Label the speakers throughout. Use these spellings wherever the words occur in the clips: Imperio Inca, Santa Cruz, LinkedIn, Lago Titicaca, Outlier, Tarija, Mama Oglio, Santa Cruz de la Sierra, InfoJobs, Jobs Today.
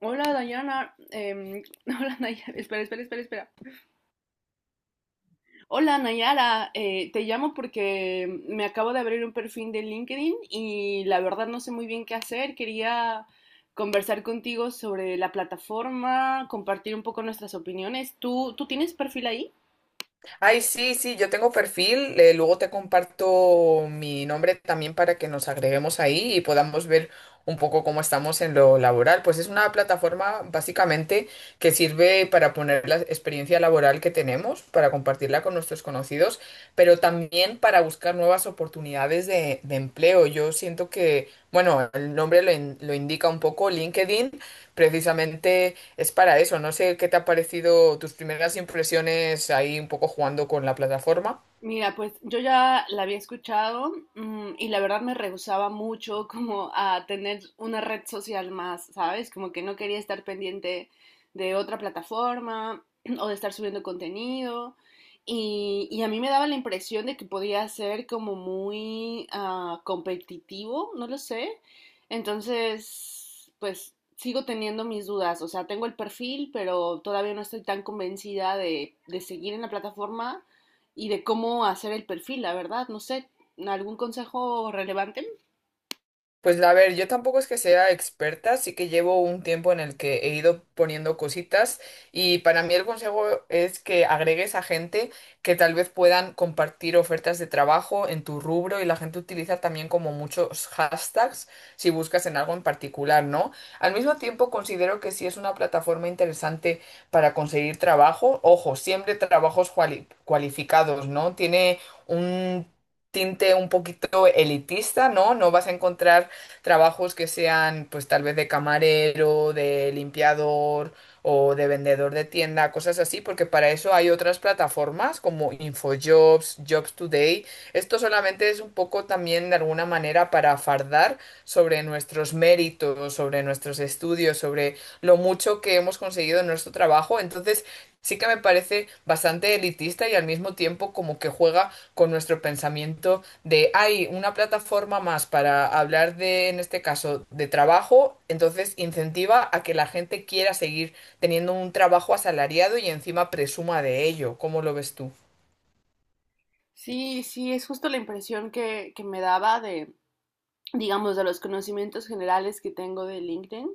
Speaker 1: Hola Dayana, hola Nayara, espera, espera, espera, espera. Hola Nayara, te llamo porque me acabo de abrir un perfil de LinkedIn y la verdad no sé muy bien qué hacer. Quería conversar contigo sobre la plataforma, compartir un poco nuestras opiniones. ¿Tú tienes perfil ahí?
Speaker 2: Ay, sí, sí, yo tengo perfil, luego te comparto mi nombre también para que nos agreguemos ahí y podamos ver un poco cómo estamos en lo laboral. Pues es una plataforma básicamente que sirve para poner la experiencia laboral que tenemos, para compartirla con nuestros conocidos, pero también para buscar nuevas oportunidades de empleo. Yo siento que, bueno, el nombre lo, lo indica un poco, LinkedIn precisamente es para eso. No sé qué te ha parecido tus primeras impresiones ahí un poco jugando con la plataforma.
Speaker 1: Mira, pues yo ya la había escuchado, y la verdad me rehusaba mucho como a tener una red social más, ¿sabes? Como que no quería estar pendiente de otra plataforma o de estar subiendo contenido. Y a mí me daba la impresión de que podía ser como muy competitivo, no lo sé. Entonces, pues sigo teniendo mis dudas. O sea, tengo el perfil, pero todavía no estoy tan convencida de seguir en la plataforma y de cómo hacer el perfil, la verdad, no sé, ¿algún consejo relevante?
Speaker 2: Pues a ver, yo tampoco es que sea experta, sí que llevo un tiempo en el que he ido poniendo cositas y para mí el consejo es que agregues a gente que tal vez puedan compartir ofertas de trabajo en tu rubro y la gente utiliza también como muchos hashtags si buscas en algo en particular, ¿no? Al mismo tiempo considero que sí es una plataforma interesante para conseguir trabajo, ojo, siempre trabajos cualificados, ¿no? Tiene un tinte un poquito elitista, ¿no? No vas a encontrar trabajos que sean pues tal vez de camarero, de limpiador o de vendedor de tienda, cosas así, porque para eso hay otras plataformas como InfoJobs, Jobs Today. Esto solamente es un poco también de alguna manera para fardar sobre nuestros méritos, sobre nuestros estudios, sobre lo mucho que hemos conseguido en nuestro trabajo. Entonces, sí que me parece bastante elitista y al mismo tiempo como que juega con nuestro pensamiento de hay una plataforma más para hablar de, en este caso, de trabajo, entonces incentiva a que la gente quiera seguir teniendo un trabajo asalariado y encima presuma de ello. ¿Cómo lo ves tú?
Speaker 1: Sí, sí, es justo la impresión que me daba de, digamos, de los conocimientos generales que tengo de LinkedIn,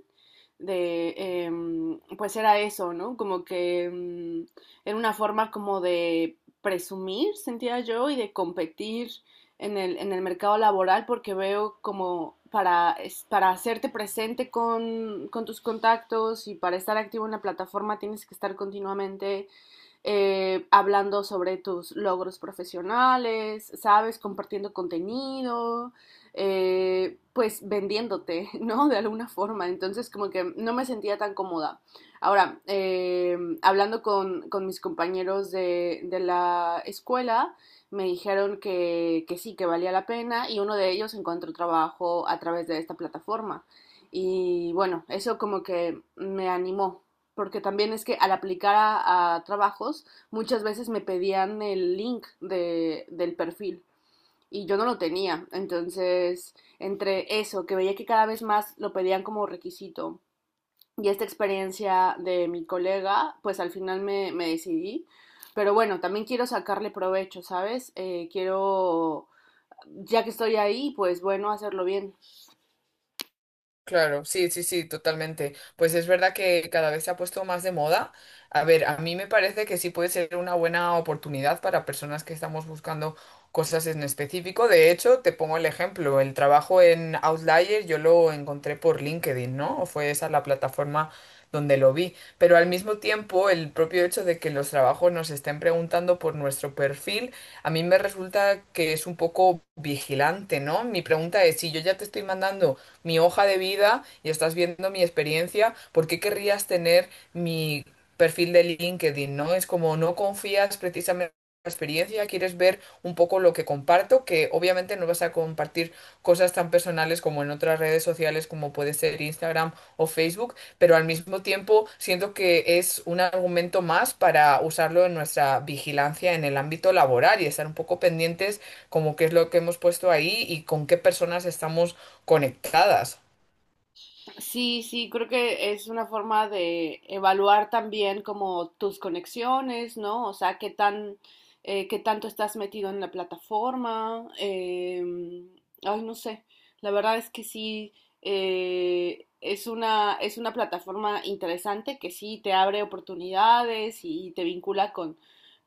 Speaker 1: de, pues era eso, ¿no? Como que era una forma como de presumir, sentía yo, y de competir en el mercado laboral, porque veo como para, para hacerte presente con tus contactos y para estar activo en la plataforma tienes que estar continuamente hablando sobre tus logros profesionales, ¿sabes? Compartiendo contenido, pues vendiéndote, ¿no? De alguna forma. Entonces, como que no me sentía tan cómoda. Ahora, hablando con mis compañeros de la escuela, me dijeron que sí, que valía la pena y uno de ellos encontró trabajo a través de esta plataforma. Y bueno, eso como que me animó porque también es que al aplicar a trabajos muchas veces me pedían el link del perfil y yo no lo tenía. Entonces, entre eso, que veía que cada vez más lo pedían como requisito y esta experiencia de mi colega, pues al final me decidí. Pero bueno, también quiero sacarle provecho, ¿sabes? Ya que estoy ahí, pues bueno, hacerlo bien.
Speaker 2: Claro, sí, sí, sí, totalmente. Pues es verdad que cada vez se ha puesto más de moda. A ver, a mí me parece que sí puede ser una buena oportunidad para personas que estamos buscando cosas en específico. De hecho, te pongo el ejemplo, el trabajo en Outlier yo lo encontré por LinkedIn, ¿no? Fue esa la plataforma donde lo vi. Pero al mismo tiempo, el propio hecho de que los trabajos nos estén preguntando por nuestro perfil, a mí me resulta que es un poco vigilante, ¿no? Mi pregunta es, si yo ya te estoy mandando mi hoja de vida y estás viendo mi experiencia, ¿por qué querrías tener mi perfil de LinkedIn? ¿No? Es como no confías precisamente en la experiencia, quieres ver un poco lo que comparto, que obviamente no vas a compartir cosas tan personales como en otras redes sociales como puede ser Instagram o Facebook, pero al mismo tiempo siento que es un argumento más para usarlo en nuestra vigilancia en el ámbito laboral y estar un poco pendientes como qué es lo que hemos puesto ahí y con qué personas estamos conectadas.
Speaker 1: Sí, sí, creo que es una forma de evaluar también como tus conexiones, ¿no? O sea, qué tan, qué tanto estás metido en la plataforma. Ay, no sé. La verdad es que sí, es una plataforma interesante que sí te abre oportunidades y te vincula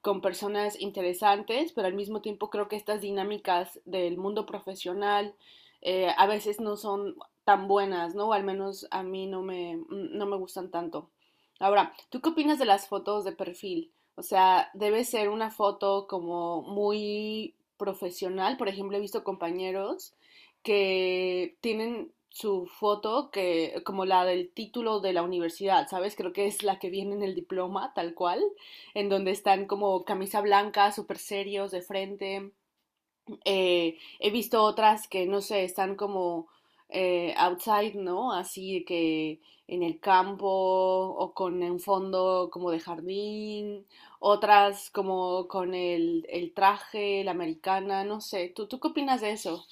Speaker 1: con personas interesantes, pero al mismo tiempo creo que estas dinámicas del mundo profesional a veces no son tan buenas, ¿no? O al menos a mí no me gustan tanto. Ahora, ¿tú qué opinas de las fotos de perfil? O sea, debe ser una foto como muy profesional. Por ejemplo, he visto compañeros que tienen su foto que como la del título de la universidad, ¿sabes? Creo que es la que viene en el diploma, tal cual, en donde están como camisa blanca, súper serios de frente. He visto otras que, no sé, están como outside, ¿no? Así que en el campo o con un fondo como de jardín, otras como con el traje, la americana, no sé. ¿Tú qué opinas de eso?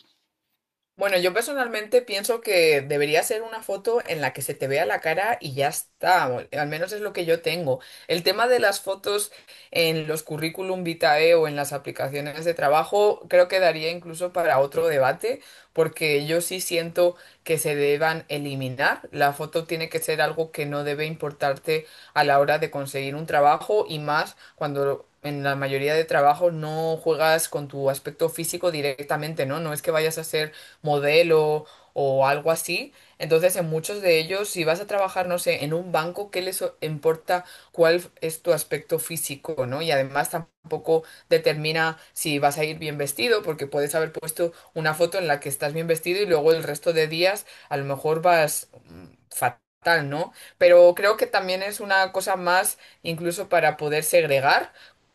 Speaker 2: Bueno, yo personalmente pienso que debería ser una foto en la que se te vea la cara y ya está, o al menos es lo que yo tengo. El tema de las fotos en los currículum vitae o en las aplicaciones de trabajo creo que daría incluso para otro debate, porque yo sí siento que se deban eliminar. La foto tiene que ser algo que no debe importarte a la hora de conseguir un trabajo y más cuando... En la mayoría de trabajos no juegas con tu aspecto físico directamente, ¿no? No es que vayas a ser modelo o algo así. Entonces, en muchos de ellos, si vas a trabajar, no sé, en un banco, ¿qué les importa cuál es tu aspecto físico? ¿No? Y además tampoco determina si vas a ir bien vestido, porque puedes haber puesto una foto en la que estás bien vestido y luego el resto de días a lo mejor vas fatal, ¿no? Pero creo que también es una cosa más incluso para poder segregar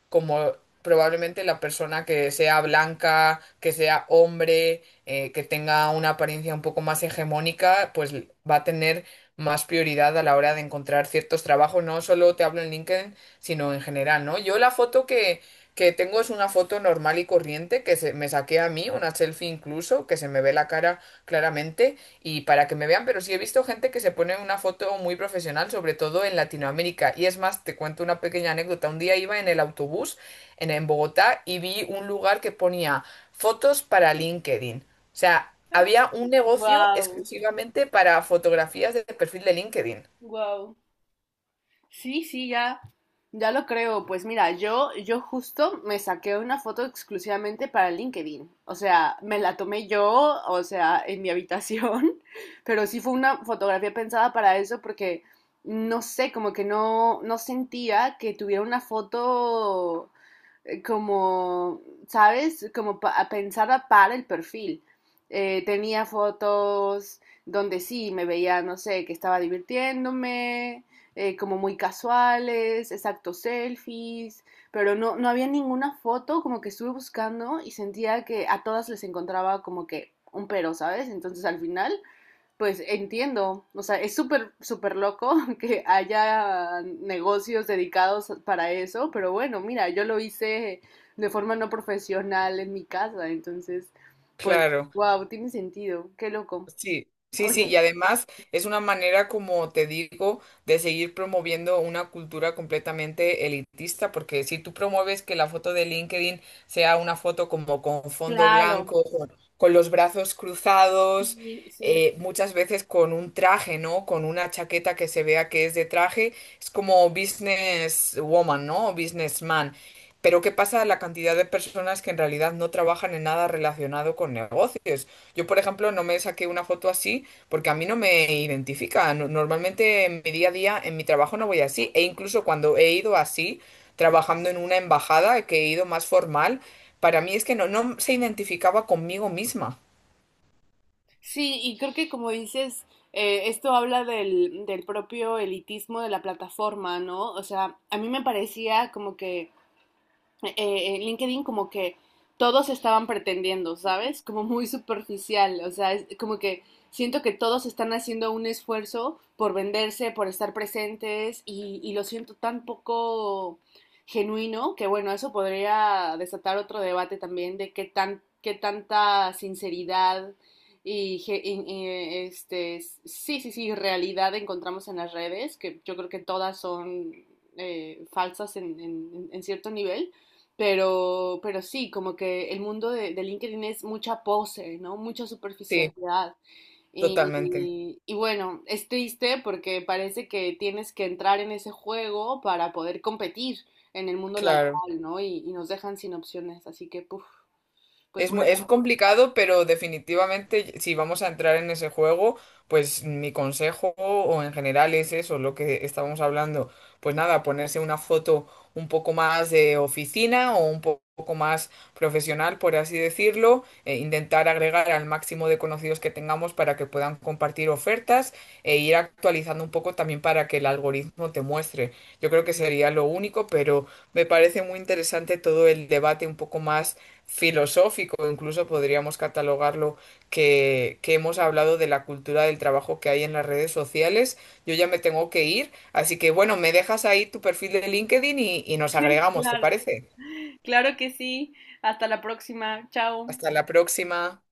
Speaker 2: como probablemente la persona que sea blanca, que sea hombre, que tenga una apariencia un poco más hegemónica, pues va a tener más prioridad a la hora de encontrar ciertos trabajos. No solo te hablo en LinkedIn, sino en general, ¿no? Yo la foto que tengo es una foto normal y corriente que se, me saqué a mí, una selfie incluso, que se me ve la cara claramente y para que me vean, pero sí he visto gente que se pone una foto muy profesional, sobre todo en Latinoamérica. Y es más, te cuento una pequeña anécdota. Un día iba en el autobús en Bogotá y vi un lugar que ponía fotos para LinkedIn. O sea, había un negocio
Speaker 1: Wow,
Speaker 2: exclusivamente para fotografías de perfil de LinkedIn.
Speaker 1: wow. Sí, sí, ya, ya lo creo. Pues mira, yo justo me saqué una foto exclusivamente para LinkedIn. O sea, me la tomé yo, o sea, en mi habitación, pero sí fue una fotografía pensada para eso porque no sé, como que no sentía que tuviera una foto como, ¿sabes? Como pensada para el perfil. Tenía fotos donde sí me veía, no sé, que estaba divirtiéndome, como muy casuales, exacto, selfies, pero no había ninguna foto, como que estuve buscando y sentía que a todas les encontraba como que un pero, ¿sabes? Entonces al final, pues entiendo, o sea, es súper, súper loco que haya negocios dedicados para eso, pero bueno, mira, yo lo hice de forma no profesional en mi casa, entonces, pues,
Speaker 2: Claro.
Speaker 1: wow, tiene sentido, qué loco.
Speaker 2: Sí, sí, sí,
Speaker 1: Oye,
Speaker 2: y además es una manera, como te digo, de seguir promoviendo una cultura completamente elitista, porque si tú promueves que la foto de LinkedIn sea una foto como con fondo
Speaker 1: claro.
Speaker 2: blanco, con los brazos cruzados,
Speaker 1: Sí, sí.
Speaker 2: muchas veces con un traje, ¿no? Con una chaqueta que se vea que es de traje, es como business woman, ¿no? O businessman. Pero ¿qué pasa a la cantidad de personas que en realidad no trabajan en nada relacionado con negocios? Yo, por ejemplo, no me saqué una foto así porque a mí no me identifica. Normalmente en mi día a día, en mi trabajo no voy así. E incluso cuando he ido así, trabajando en una embajada, que he ido más formal, para mí es que no, no se identificaba conmigo misma.
Speaker 1: Sí, y creo que como dices, esto habla del propio elitismo de la plataforma, ¿no? O sea, a mí me parecía como que en LinkedIn como que todos estaban pretendiendo, ¿sabes? Como muy superficial, o sea, es como que siento que todos están haciendo un esfuerzo por venderse, por estar presentes y lo siento tan poco genuino que bueno, eso podría desatar otro debate también de qué tan qué tanta sinceridad y este sí, sí, sí, realidad encontramos en las redes, que yo creo que todas son falsas en cierto nivel, pero sí, como que el mundo de LinkedIn es mucha pose, ¿no? Mucha
Speaker 2: Sí,
Speaker 1: superficialidad.
Speaker 2: totalmente.
Speaker 1: Y bueno, es triste porque parece que tienes que entrar en ese juego para poder competir en el mundo
Speaker 2: Claro.
Speaker 1: laboral, ¿no? Y nos dejan sin opciones. Así que, puf, pues
Speaker 2: Es,
Speaker 1: bueno,
Speaker 2: es complicado, pero definitivamente si vamos a entrar en ese juego, pues mi consejo o en general es eso, lo que estábamos hablando. Pues nada, ponerse una foto un poco más de oficina o un poco más profesional, por así decirlo, e intentar agregar al máximo de conocidos que tengamos para que puedan compartir ofertas e ir actualizando un poco también para que el algoritmo te muestre. Yo creo que sería lo único, pero me parece muy interesante todo el debate un poco más filosófico, incluso podríamos catalogarlo, que hemos hablado de la cultura del trabajo que hay en las redes sociales. Yo ya me tengo que ir, así que bueno, me dejas ahí tu perfil de LinkedIn y nos agregamos, ¿te
Speaker 1: claro,
Speaker 2: parece?
Speaker 1: claro que sí. Hasta la próxima. Chao.
Speaker 2: Hasta la próxima.